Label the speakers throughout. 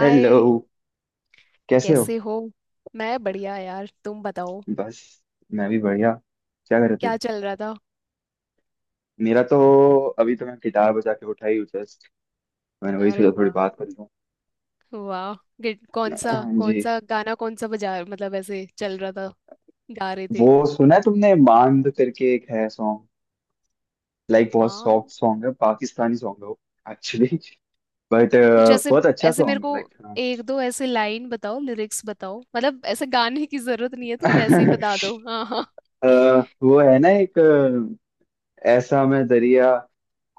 Speaker 1: Hello. कैसे हो?
Speaker 2: कैसे हो? मैं बढ़िया यार, तुम बताओ
Speaker 1: बस, मैं भी बढ़िया। क्या कर रहे थे?
Speaker 2: क्या चल रहा था।
Speaker 1: मेरा तो अभी तो मैं गिटार बजा के उठा ही हूँ जस्ट। मैंने वही
Speaker 2: अरे
Speaker 1: सोचा थोड़ी
Speaker 2: वाह।
Speaker 1: बात कर लूँ।
Speaker 2: वाह। कौन सा?
Speaker 1: हाँ
Speaker 2: कौन
Speaker 1: जी।
Speaker 2: सा गाना, कौन सा बजा, मतलब ऐसे चल रहा था, गा रहे
Speaker 1: वो
Speaker 2: थे?
Speaker 1: सुना है तुमने मांद करके एक है सॉन्ग। लाइक बहुत
Speaker 2: मान,
Speaker 1: सॉफ्ट सॉन्ग है, पाकिस्तानी सॉन्ग है वो। एक्चुअली बट
Speaker 2: कुछ ऐसे
Speaker 1: बहुत अच्छा
Speaker 2: ऐसे मेरे
Speaker 1: सॉन्ग
Speaker 2: को
Speaker 1: है, लाइक हाँ।
Speaker 2: एक दो ऐसे लाइन बताओ, लिरिक्स बताओ, मतलब ऐसे गाने की जरूरत नहीं है, तुम वैसे ही बता दो। हाँ हाँ।
Speaker 1: अ, वो है ना एक ऐसा मैं दरिया,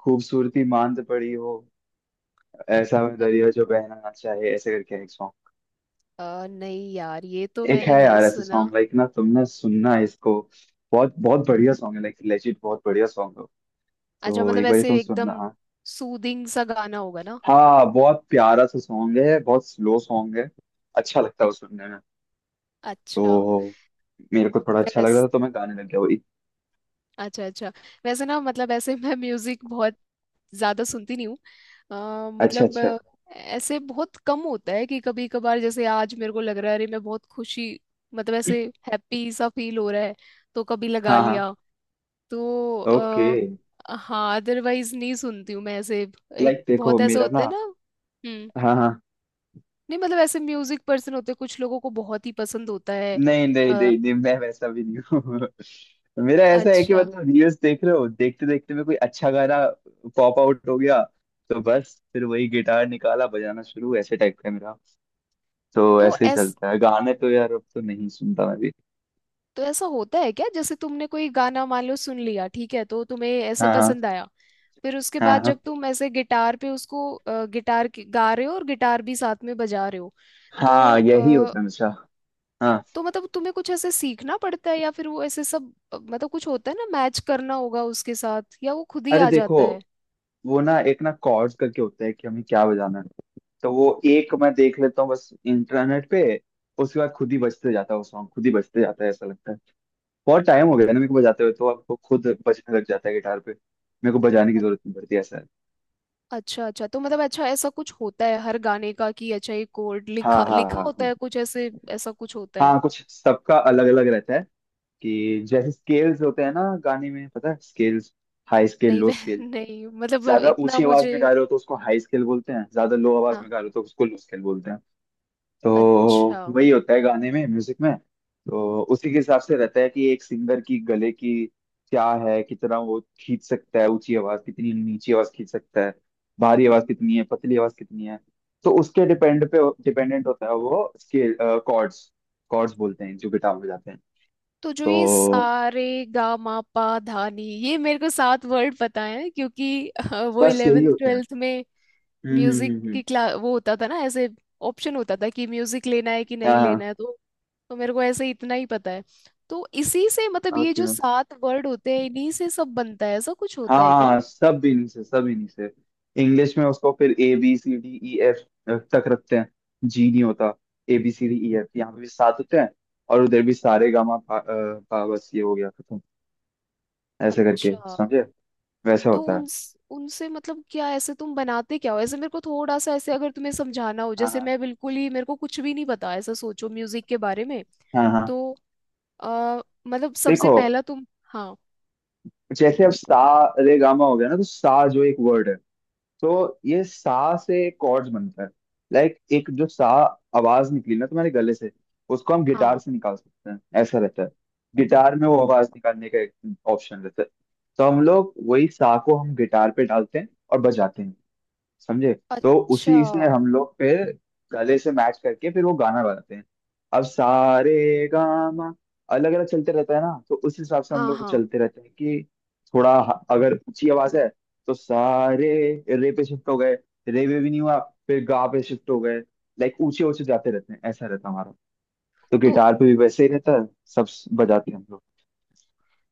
Speaker 1: खूबसूरती मांद पड़ी हो, ऐसा मैं
Speaker 2: अ,
Speaker 1: दरिया जो बहना ना चाहे, ऐसे करके है।
Speaker 2: नहीं यार, ये तो
Speaker 1: एक है
Speaker 2: मैंने नहीं
Speaker 1: यार ऐसे
Speaker 2: सुना।
Speaker 1: सॉन्ग, लाइक ना तुमने सुनना इसको, बहुत बहुत बढ़िया सॉन्ग है, लाइक लेजिट बहुत बढ़िया सॉन्ग है।
Speaker 2: अच्छा,
Speaker 1: तो
Speaker 2: मतलब
Speaker 1: एक बार
Speaker 2: ऐसे
Speaker 1: तुम सुनना
Speaker 2: एकदम
Speaker 1: हाँ।
Speaker 2: सूदिंग सा गाना होगा ना।
Speaker 1: हाँ, बहुत प्यारा सा सॉन्ग है, बहुत स्लो सॉन्ग है। अच्छा लगता है वो सुनने में।
Speaker 2: अच्छा।
Speaker 1: तो मेरे को थोड़ा अच्छा लग रहा था तो मैं गाने लग गया वही।
Speaker 2: अच्छा। अच्छा वैसे ना मतलब ऐसे मैं म्यूजिक बहुत ज्यादा सुनती नहीं हूँ। अ,
Speaker 1: अच्छा
Speaker 2: मतलब
Speaker 1: अच्छा।
Speaker 2: अ, ऐसे बहुत कम होता है कि कभी कभार जैसे आज मेरे को लग रहा है, अरे मैं बहुत खुशी, मतलब ऐसे हैप्पी सा फील हो रहा है, तो कभी लगा
Speaker 1: हाँ हाँ।
Speaker 2: लिया। तो
Speaker 1: ओके।
Speaker 2: आ, हाँ अदरवाइज नहीं सुनती हूँ मैं, ऐसे एक
Speaker 1: लाइक देखो
Speaker 2: बहुत ऐसे
Speaker 1: मेरा
Speaker 2: होते
Speaker 1: ना।
Speaker 2: हैं ना। हम्म।
Speaker 1: हाँ हाँ।
Speaker 2: नहीं मतलब ऐसे म्यूजिक पर्सन होते हैं, कुछ लोगों को बहुत ही पसंद होता है।
Speaker 1: नहीं नहीं
Speaker 2: अ,
Speaker 1: नहीं नहीं मैं वैसा भी नहीं हूँ। मेरा ऐसा है कि
Speaker 2: अच्छा।
Speaker 1: मतलब रील्स देख रहे हो, देखते देखते में कोई अच्छा गाना पॉप आउट हो गया, तो बस फिर वही गिटार निकाला बजाना शुरू, ऐसे टाइप का है मेरा। तो
Speaker 2: तो
Speaker 1: ऐसे ही
Speaker 2: ऐस
Speaker 1: चलता है, गाने तो यार अब तो नहीं सुनता मैं भी।
Speaker 2: तो ऐसा होता है क्या, जैसे तुमने कोई गाना मान लो सुन लिया, ठीक है, तो तुम्हें ऐसे
Speaker 1: हाँ हाँ
Speaker 2: पसंद आया, फिर उसके
Speaker 1: हाँ
Speaker 2: बाद जब
Speaker 1: हाँ।
Speaker 2: तुम ऐसे गिटार पे उसको गा रहे हो और गिटार भी साथ में बजा रहे हो, तो
Speaker 1: हाँ यही
Speaker 2: अ,
Speaker 1: होता है हमेशा। हाँ।
Speaker 2: तो मतलब तुम्हें कुछ ऐसे सीखना पड़ता है, या फिर वो ऐसे सब मतलब कुछ होता है ना, मैच करना होगा उसके साथ, या वो खुद ही
Speaker 1: अरे
Speaker 2: आ
Speaker 1: देखो,
Speaker 2: जाता है?
Speaker 1: वो ना एक ना कॉर्ड्स करके होता है कि हमें क्या बजाना है। तो वो एक मैं देख लेता हूँ बस इंटरनेट पे। उसके बाद खुद ही बजते जाता है, वो सॉन्ग खुद ही बजते जाता है ऐसा लगता है। बहुत टाइम हो गया ना मेरे को बजाते हुए, तो आपको खुद बजने लग जाता है गिटार पे, मेरे को बजाने की
Speaker 2: अ-
Speaker 1: जरूरत नहीं पड़ती, ऐसा है।
Speaker 2: अच्छा अच्छा, तो मतलब अच्छा ऐसा कुछ होता है हर गाने का कि अच्छा ये कोड
Speaker 1: हाँ
Speaker 2: लिखा
Speaker 1: हाँ हाँ
Speaker 2: लिखा होता
Speaker 1: हाँ।
Speaker 2: है, कुछ ऐसे, ऐसा कुछ होता है?
Speaker 1: हाँ कुछ सबका अलग अलग रहता है। कि जैसे स्केल्स होते हैं ना गाने में, पता है स्केल्स? हाई स्केल,
Speaker 2: नहीं
Speaker 1: लो
Speaker 2: वह
Speaker 1: स्केल।
Speaker 2: नहीं मतलब
Speaker 1: ज्यादा
Speaker 2: इतना
Speaker 1: ऊंची आवाज
Speaker 2: मुझे।
Speaker 1: में गा रहे हो तो उसको हाई स्केल बोलते हैं, ज्यादा लो आवाज
Speaker 2: हाँ।
Speaker 1: में गा रहे हो तो उसको लो स्केल बोलते हैं। तो
Speaker 2: अच्छा
Speaker 1: वही होता है गाने में, म्यूजिक में। तो उसी के हिसाब से रहता है कि एक सिंगर की गले की क्या है, कितना वो खींच सकता है, ऊंची आवाज कितनी, नीची आवाज खींच सकता है, भारी आवाज कितनी है, पतली आवाज कितनी है। तो उसके डिपेंड पे, डिपेंडेंट होता है वो स्केल। कॉर्ड्स, कॉर्ड्स बोलते हैं जो गिटार में जाते हैं।
Speaker 2: तो जो ये
Speaker 1: तो
Speaker 2: सारे गा मा पा धा नी, ये मेरे को सात वर्ड पता है क्योंकि वो
Speaker 1: बस यही
Speaker 2: 11th
Speaker 1: होते हैं।
Speaker 2: 12th में
Speaker 1: हम्म हम्म
Speaker 2: म्यूजिक
Speaker 1: हम्म हम्म।
Speaker 2: की क्लास वो होता था ना, ऐसे ऑप्शन होता था कि म्यूजिक लेना है कि नहीं लेना
Speaker 1: हाँ।
Speaker 2: है, तो मेरे को ऐसे इतना ही पता है। तो इसी से मतलब ये
Speaker 1: ओके।
Speaker 2: जो सात वर्ड होते हैं इन्हीं से सब बनता है, ऐसा कुछ होता है क्या?
Speaker 1: हाँ सब इन्हीं से, सब इन्हीं से। इंग्लिश में उसको फिर A B C D E F तक रखते हैं, जी नहीं होता। A B C D E F, यहाँ पे भी सात होते हैं और उधर भी सारे गामा पा, पा, बस ये हो गया खत्म। ऐसे करके
Speaker 2: अच्छा।
Speaker 1: समझे? वैसा
Speaker 2: तो
Speaker 1: होता है।
Speaker 2: उन उनसे मतलब क्या ऐसे तुम बनाते क्या हो, ऐसे मेरे को थोड़ा सा ऐसे अगर तुम्हें समझाना हो,
Speaker 1: हाँ
Speaker 2: जैसे
Speaker 1: हाँ
Speaker 2: मैं बिल्कुल ही मेरे को कुछ भी नहीं पता ऐसा सोचो म्यूजिक के बारे में।
Speaker 1: हाँ हाँ।
Speaker 2: तो आ, मतलब सबसे
Speaker 1: देखो
Speaker 2: पहला तुम। हाँ।
Speaker 1: जैसे अब सा रे गामा हो गया ना, तो सा जो एक वर्ड है, तो ये सा से कॉर्ड्स बनता है। लाइक एक जो सा आवाज निकली ना तुम्हारे गले से, उसको हम गिटार
Speaker 2: हाँ
Speaker 1: से निकाल सकते हैं, ऐसा रहता है। गिटार में वो आवाज निकालने का एक ऑप्शन रहता है। तो हम लोग वही सा को हम गिटार पे डालते हैं और बजाते हैं, समझे? तो
Speaker 2: अच्छा।
Speaker 1: उसी से हम लोग फिर गले से मैच करके फिर वो गाना बनाते हैं। अब सारे गामा अलग अलग चलते रहता है ना, तो उस हिसाब से हम
Speaker 2: हाँ
Speaker 1: लोग
Speaker 2: हाँ।
Speaker 1: चलते रहते हैं कि अगर ऊंची आवाज है तो सारे रे पे शिफ्ट हो गए, रे पे भी नहीं हुआ फिर गा पे शिफ्ट हो गए, लाइक ऊंचे ऊंचे जाते रहते हैं ऐसा रहता है हमारा। तो
Speaker 2: तो
Speaker 1: गिटार पे भी वैसे ही रहता है। बजाते हैं हम लोग।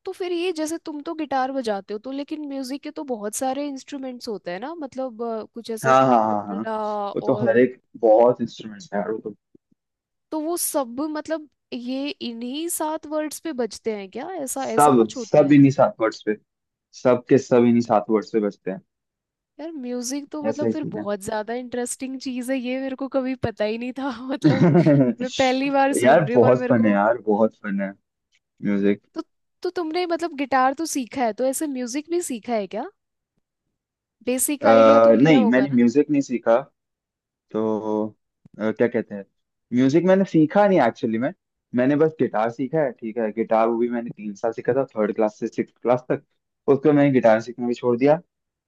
Speaker 2: तो फिर ये, जैसे तुम तो गिटार बजाते हो, तो लेकिन म्यूजिक के तो बहुत सारे इंस्ट्रूमेंट्स होते हैं ना, मतलब कुछ ऐसे
Speaker 1: हाँ हाँ हाँ हाँ।
Speaker 2: तबला
Speaker 1: वो तो हर
Speaker 2: और।
Speaker 1: एक बहुत इंस्ट्रूमेंट है यार, वो तो
Speaker 2: तो वो सब मतलब ये इन्हीं सात वर्ड्स पे बजते हैं क्या, ऐसा ऐसा
Speaker 1: सब,
Speaker 2: कुछ होता
Speaker 1: सब
Speaker 2: है?
Speaker 1: इन्हीं सात वर्ड्स पे, सब के सब इन्हीं सात वर्ड्स पे बचते हैं।
Speaker 2: यार म्यूजिक तो
Speaker 1: ऐसा
Speaker 2: मतलब
Speaker 1: ही
Speaker 2: फिर
Speaker 1: सीन है।
Speaker 2: बहुत ज्यादा इंटरेस्टिंग चीज है ये, मेरे को कभी पता ही नहीं था मतलब मैं पहली बार
Speaker 1: यार
Speaker 2: सुन रही हूँ और
Speaker 1: बहुत
Speaker 2: मेरे
Speaker 1: फन है
Speaker 2: को।
Speaker 1: यार बहुत फन है म्यूजिक
Speaker 2: तो तो तुमने मतलब गिटार तो सीखा है, तो ऐसे म्यूजिक भी सीखा है क्या, बेसिक आइडिया तो लिया
Speaker 1: नहीं
Speaker 2: होगा
Speaker 1: मैंने
Speaker 2: ना?
Speaker 1: म्यूजिक नहीं सीखा। तो क्या कहते हैं, म्यूजिक मैंने सीखा नहीं एक्चुअली। मैंने बस गिटार सीखा है, ठीक है। गिटार वो भी मैंने तीन साल सीखा था, थर्ड क्लास से सिक्स क्लास तक। उसको मैंने गिटार सीखना भी छोड़ दिया।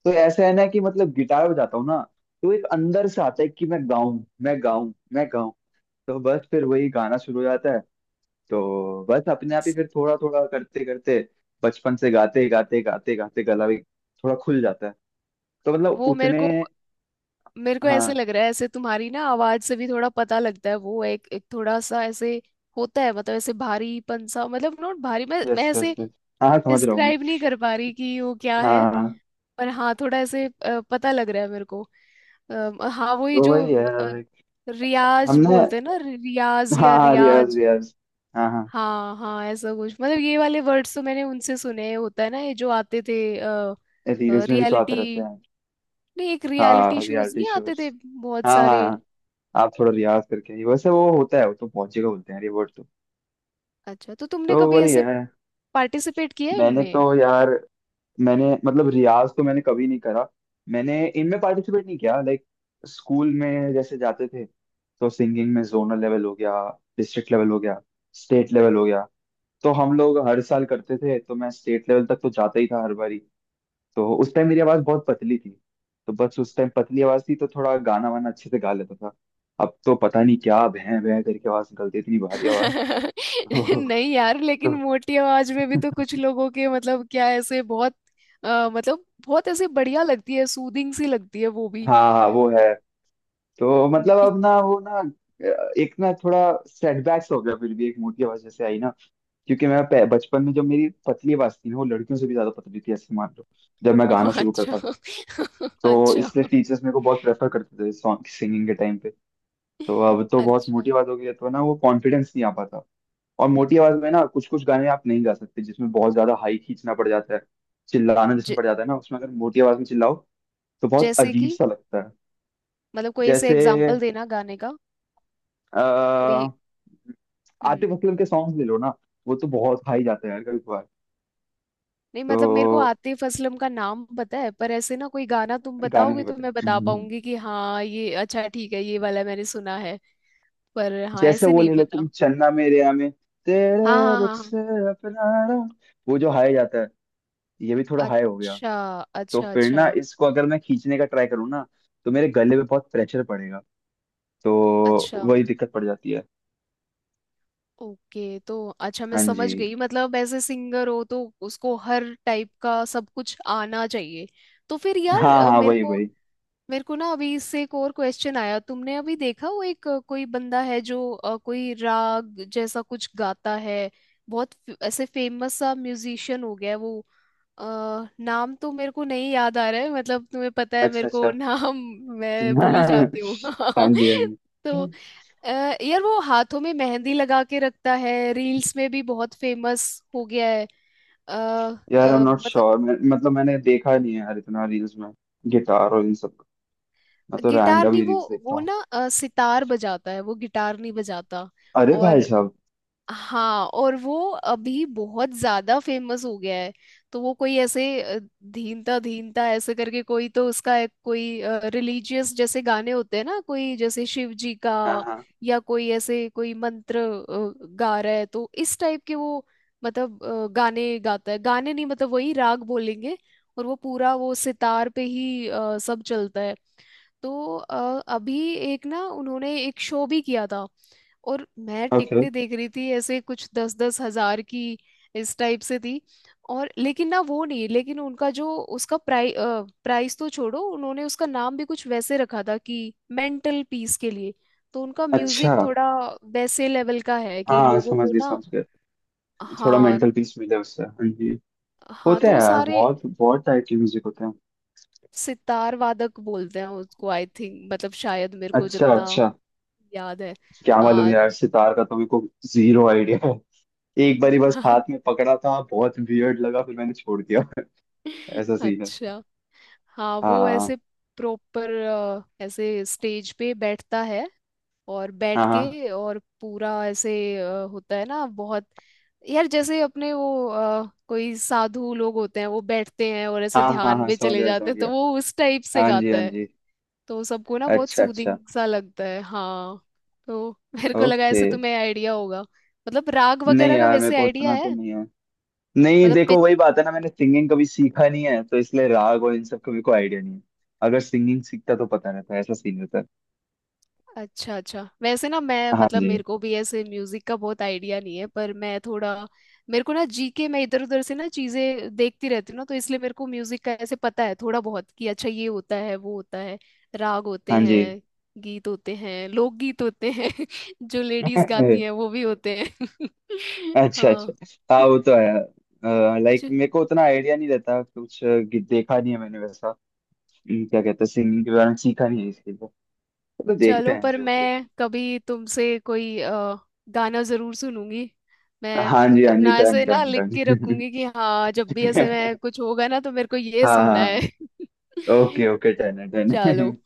Speaker 1: तो ऐसा है ना कि मतलब गिटार बजाता हूँ ना, तो एक अंदर से आता है कि मैं गाऊं मैं गाऊं मैं गाऊं, तो बस फिर वही गाना शुरू हो जाता है। तो बस अपने आप ही
Speaker 2: Yes।
Speaker 1: फिर थोड़ा थोड़ा करते करते, बचपन से गाते गाते गाते गाते गला भी थोड़ा खुल जाता है। तो मतलब
Speaker 2: वो
Speaker 1: उतने।
Speaker 2: मेरे को ऐसे
Speaker 1: हाँ।
Speaker 2: लग रहा है, ऐसे तुम्हारी ना आवाज से भी थोड़ा पता लगता है, वो एक एक थोड़ा सा ऐसे होता है, मतलब ऐसे भारीपन सा, मतलब नॉट भारी, मैं
Speaker 1: यस
Speaker 2: ऐसे
Speaker 1: यस यस। हाँ हाँ, समझ रहा हूँ मैं।
Speaker 2: डिस्क्राइब नहीं कर पा रही कि वो क्या
Speaker 1: हाँ
Speaker 2: है,
Speaker 1: हाँ, हाँ।
Speaker 2: पर हाँ थोड़ा ऐसे पता लग रहा है मेरे को। हाँ वही
Speaker 1: तो
Speaker 2: जो
Speaker 1: वही है
Speaker 2: अ,
Speaker 1: like,
Speaker 2: रियाज
Speaker 1: हमने।
Speaker 2: बोलते हैं ना, रियाज
Speaker 1: हाँ
Speaker 2: या
Speaker 1: हाँ रियाज
Speaker 2: रियाज।
Speaker 1: रियाज। हाँ हाँ।
Speaker 2: हाँ हाँ ऐसा कुछ, मतलब ये वाले वर्ड्स तो मैंने उनसे सुने हैं। होता है ना ये जो आते थे,
Speaker 1: रील्स में भी तो आते
Speaker 2: रियलिटी
Speaker 1: रहते हैं।
Speaker 2: नहीं, एक रियलिटी
Speaker 1: हाँ
Speaker 2: शोज
Speaker 1: रियलिटी
Speaker 2: नहीं आते
Speaker 1: शोज।
Speaker 2: थे बहुत
Speaker 1: हाँ हाँ
Speaker 2: सारे?
Speaker 1: हाँ, आप थोड़ा रियाज करके आइए। वैसे वो होता है वो तो पहुंचेगा बोलते हैं, रिवॉर्ड तो।
Speaker 2: अच्छा, तो
Speaker 1: तो
Speaker 2: तुमने कभी
Speaker 1: वही
Speaker 2: ऐसे
Speaker 1: है।
Speaker 2: पार्टिसिपेट किया है
Speaker 1: मैंने
Speaker 2: इनमें?
Speaker 1: तो यार, मैंने मतलब रियाज तो मैंने कभी नहीं करा, मैंने इनमें पार्टिसिपेट नहीं किया। लाइक स्कूल में जैसे जाते थे, तो सिंगिंग में जोनल लेवल हो गया, डिस्ट्रिक्ट लेवल हो गया, स्टेट लेवल हो गया। तो हम लोग हर साल करते थे, तो मैं स्टेट लेवल तक तो जाता ही था हर बारी। तो उस टाइम मेरी आवाज़ बहुत पतली थी। तो बस उस टाइम पतली आवाज़ थी तो थोड़ा गाना वाना अच्छे से गा लेता था। अब तो पता नहीं क्या भैं भैं करके आवाज़ निकलती है, इतनी भारी आवाज़। तो,
Speaker 2: नहीं यार, लेकिन
Speaker 1: तो
Speaker 2: मोटी आवाज में भी तो कुछ लोगों के मतलब, क्या ऐसे बहुत मतलब बहुत ऐसे बढ़िया लगती है, सूदिंग सी लगती है वो भी।
Speaker 1: हाँ हाँ वो है। तो मतलब
Speaker 2: बल-
Speaker 1: अब ना वो ना एक ना थोड़ा सेटबैक्स हो गया, फिर भी एक मोटी आवाज जैसे आई ना। क्योंकि बचपन में जब मेरी पतली आवाज थी ना, वो लड़कियों से भी ज्यादा पतली थी ऐसे मान लो, जब मैं गाना शुरू
Speaker 2: अच्छा
Speaker 1: करता था। तो इसलिए
Speaker 2: अच्छा
Speaker 1: टीचर्स मेरे को बहुत प्रेफर करते थे सॉन्ग सिंगिंग के टाइम पे। तो अब तो बहुत
Speaker 2: अच्छा।
Speaker 1: मोटी आवाज हो गई है, तो ना वो कॉन्फिडेंस नहीं आ पाता। और मोटी आवाज में ना कुछ कुछ गाने आप नहीं गा सकते, जिसमें बहुत ज्यादा हाई खींचना पड़ जाता है, चिल्लाना जिसमें
Speaker 2: ज,
Speaker 1: पड़ जाता है ना, उसमें अगर मोटी आवाज में चिल्लाओ तो बहुत
Speaker 2: जैसे
Speaker 1: अजीब
Speaker 2: कि
Speaker 1: सा लगता है।
Speaker 2: मतलब कोई ऐसे
Speaker 1: जैसे
Speaker 2: एग्जांपल देना गाने का,
Speaker 1: अ
Speaker 2: कोई। हम्म।
Speaker 1: आतिफ असलम के सॉन्ग ले लो ना, वो तो बहुत हाई जाते हैं यार कभी कभार।
Speaker 2: नहीं
Speaker 1: तो
Speaker 2: मतलब मेरे को आतिफ असलम का नाम पता है, पर ऐसे ना कोई गाना तुम
Speaker 1: गाने नहीं
Speaker 2: बताओगे तो
Speaker 1: पता।
Speaker 2: मैं बता
Speaker 1: हम्म।
Speaker 2: पाऊंगी कि हाँ ये अच्छा ठीक है, ये वाला मैंने सुना है, पर हाँ
Speaker 1: जैसे
Speaker 2: ऐसे
Speaker 1: वो
Speaker 2: नहीं
Speaker 1: ले लो तुम
Speaker 2: पता।
Speaker 1: चन्ना मेरेया में,
Speaker 2: हाँ
Speaker 1: तेरे
Speaker 2: हाँ
Speaker 1: रुख
Speaker 2: हाँ हाँ।
Speaker 1: से अपना रंग", वो जो हाई जाता है। ये भी थोड़ा हाई हो गया।
Speaker 2: अच्छा
Speaker 1: तो
Speaker 2: अच्छा।
Speaker 1: फिर
Speaker 2: अच्छा
Speaker 1: ना इसको अगर मैं खींचने का ट्राई करूँ ना, तो मेरे गले पे बहुत प्रेशर पड़ेगा। तो
Speaker 2: अच्छा।
Speaker 1: वही दिक्कत पड़ जाती है।
Speaker 2: ओके, तो अच्छा मैं
Speaker 1: हाँ जी।
Speaker 2: समझ गई, मतलब ऐसे सिंगर हो तो उसको हर टाइप का सब कुछ आना चाहिए। तो फिर यार
Speaker 1: हाँ हाँ
Speaker 2: मेरे
Speaker 1: वही
Speaker 2: को
Speaker 1: वही।
Speaker 2: मेरे को ना अभी इससे एक और क्वेश्चन आया, तुमने अभी देखा वो एक कोई बंदा है जो कोई राग जैसा कुछ गाता है, बहुत ऐसे फेमस सा म्यूजिशियन हो गया है वो। अ, नाम तो मेरे को नहीं याद आ रहा है, मतलब तुम्हें पता है
Speaker 1: अच्छा
Speaker 2: मेरे को,
Speaker 1: अच्छा।
Speaker 2: नाम मैं भूल जाती हूँ
Speaker 1: हाँ जी हाँ जी।
Speaker 2: तो अ, यार वो हाथों में मेहंदी लगा के रखता है, रील्स में भी बहुत फेमस हो गया है। आ,
Speaker 1: यार आई एम नॉट
Speaker 2: मतलब
Speaker 1: श्योर मैं, मतलब मैंने देखा नहीं है यार इतना रील्स में गिटार और इन सब का। मैं तो
Speaker 2: गिटार
Speaker 1: रैंडम
Speaker 2: नहीं
Speaker 1: ही
Speaker 2: वो,
Speaker 1: रील्स देखता
Speaker 2: वो
Speaker 1: हूँ।
Speaker 2: ना सितार बजाता है, वो गिटार नहीं बजाता।
Speaker 1: अरे भाई
Speaker 2: और
Speaker 1: साहब।
Speaker 2: हाँ, और वो अभी बहुत ज्यादा फेमस हो गया है। तो वो कोई ऐसे धीनता धीनता ऐसे करके कोई, तो उसका एक कोई रिलीजियस जैसे गाने होते हैं ना, कोई जैसे शिव जी
Speaker 1: हाँ
Speaker 2: का,
Speaker 1: हाँ।
Speaker 2: या कोई ऐसे कोई मंत्र गा रहा है, तो इस टाइप के वो मतलब गाने गाता है, गाने नहीं मतलब वही राग बोलेंगे, और वो पूरा वो सितार पे ही सब चलता है। तो अभी एक ना उन्होंने एक शो भी किया था, और मैं
Speaker 1: ओके।
Speaker 2: टिकटें देख रही थी ऐसे कुछ 10-10 हजार की इस टाइप से थी। और लेकिन ना वो नहीं, लेकिन उनका जो उसका प्राइस तो छोड़ो, उन्होंने उसका नाम भी कुछ वैसे रखा था कि मेंटल पीस के लिए। तो उनका
Speaker 1: अच्छा
Speaker 2: म्यूजिक थोड़ा वैसे लेवल का है कि
Speaker 1: हाँ
Speaker 2: लोगों
Speaker 1: समझ
Speaker 2: को
Speaker 1: गए
Speaker 2: ना।
Speaker 1: समझ गए। थोड़ा
Speaker 2: हाँ।
Speaker 1: मेंटल पीस मिले उससे, हाँ जी।
Speaker 2: हाँ
Speaker 1: होते
Speaker 2: तो
Speaker 1: हैं
Speaker 2: वो
Speaker 1: यार
Speaker 2: सारे
Speaker 1: बहुत बहुत टाइप के म्यूजिक होते हैं।
Speaker 2: सितार वादक बोलते हैं उसको, आई थिंक, मतलब शायद मेरे को
Speaker 1: अच्छा
Speaker 2: जितना
Speaker 1: अच्छा।
Speaker 2: याद है।
Speaker 1: क्या मालूम
Speaker 2: हाँ।
Speaker 1: यार, सितार का तो मेरे को जीरो आइडिया है। एक बारी बस हाथ में पकड़ा था, बहुत वियर्ड लगा फिर मैंने छोड़ दिया। ऐसा सीन है।
Speaker 2: अच्छा। हाँ वो
Speaker 1: हाँ
Speaker 2: ऐसे प्रॉपर ऐसे स्टेज पे बैठता है, और बैठ
Speaker 1: हाँ हाँ।
Speaker 2: के और पूरा ऐसे होता है ना बहुत, यार जैसे अपने वो कोई साधु लोग होते हैं वो बैठते हैं और ऐसे
Speaker 1: हाँ हाँ
Speaker 2: ध्यान
Speaker 1: हाँ
Speaker 2: में
Speaker 1: समझ
Speaker 2: चले
Speaker 1: गया
Speaker 2: जाते
Speaker 1: समझ
Speaker 2: हैं, तो
Speaker 1: गया।
Speaker 2: वो उस टाइप से
Speaker 1: हाँ जी
Speaker 2: गाता
Speaker 1: हाँ
Speaker 2: है,
Speaker 1: जी।
Speaker 2: तो सबको ना बहुत
Speaker 1: अच्छा अच्छा।
Speaker 2: सूदिंग सा लगता है। हाँ। तो मेरे को लगा
Speaker 1: ओके।
Speaker 2: ऐसे तुम्हें आइडिया होगा, मतलब राग
Speaker 1: नहीं
Speaker 2: वगैरह का,
Speaker 1: यार मेरे
Speaker 2: वैसे
Speaker 1: को
Speaker 2: आइडिया
Speaker 1: उतना तो
Speaker 2: है
Speaker 1: नहीं है। नहीं
Speaker 2: मतलब?
Speaker 1: देखो वही बात है ना, मैंने सिंगिंग कभी सीखा नहीं है, तो इसलिए राग और इन सब का मेरे को आइडिया नहीं है। अगर सिंगिंग सीखता तो पता रहता, ऐसा सीन रहता है।
Speaker 2: अच्छा अच्छा, वैसे ना मैं
Speaker 1: हाँ
Speaker 2: मतलब
Speaker 1: जी
Speaker 2: मेरे को भी ऐसे म्यूजिक का बहुत आइडिया नहीं है, पर मैं थोड़ा मेरे को ना जीके, मैं इधर उधर से ना चीजें देखती रहती हूँ ना, तो इसलिए मेरे को म्यूजिक का ऐसे पता है थोड़ा बहुत कि अच्छा ये होता है वो होता है, राग होते
Speaker 1: हाँ जी।
Speaker 2: हैं, गीत होते हैं, लोकगीत होते हैं जो लेडीज गाती हैं वो भी होते हैं
Speaker 1: अच्छा अच्छा।
Speaker 2: हाँ।
Speaker 1: हाँ वो तो है, लाइक मेरे को उतना आइडिया नहीं रहता कुछ देखा नहीं है मैंने वैसा। क्या कहते हैं सिंगिंग के बारे में सीखा नहीं है इसके लिए। तो देखते
Speaker 2: चलो,
Speaker 1: हैं
Speaker 2: पर
Speaker 1: जो भी है।
Speaker 2: मैं कभी तुमसे कोई गाना जरूर सुनूंगी, मैं
Speaker 1: हाँ जी हाँ जी,
Speaker 2: अपना
Speaker 1: डन
Speaker 2: ऐसे ना
Speaker 1: डन
Speaker 2: लिख के
Speaker 1: डन।
Speaker 2: रखूंगी कि हाँ जब भी ऐसे मैं कुछ होगा ना तो मेरे को ये
Speaker 1: हाँ
Speaker 2: सुनना है
Speaker 1: हाँ। ओके ओके, डन है डन।
Speaker 2: चलो।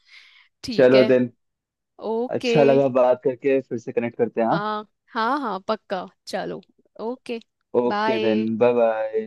Speaker 2: ठीक
Speaker 1: चलो
Speaker 2: है।
Speaker 1: देन।
Speaker 2: ओके।
Speaker 1: अच्छा लगा बात करके, फिर से कनेक्ट करते हैं हाँ।
Speaker 2: हाँ हाँ हाँ पक्का चलो। Okay.
Speaker 1: Okay then,
Speaker 2: bye.
Speaker 1: Bye bye.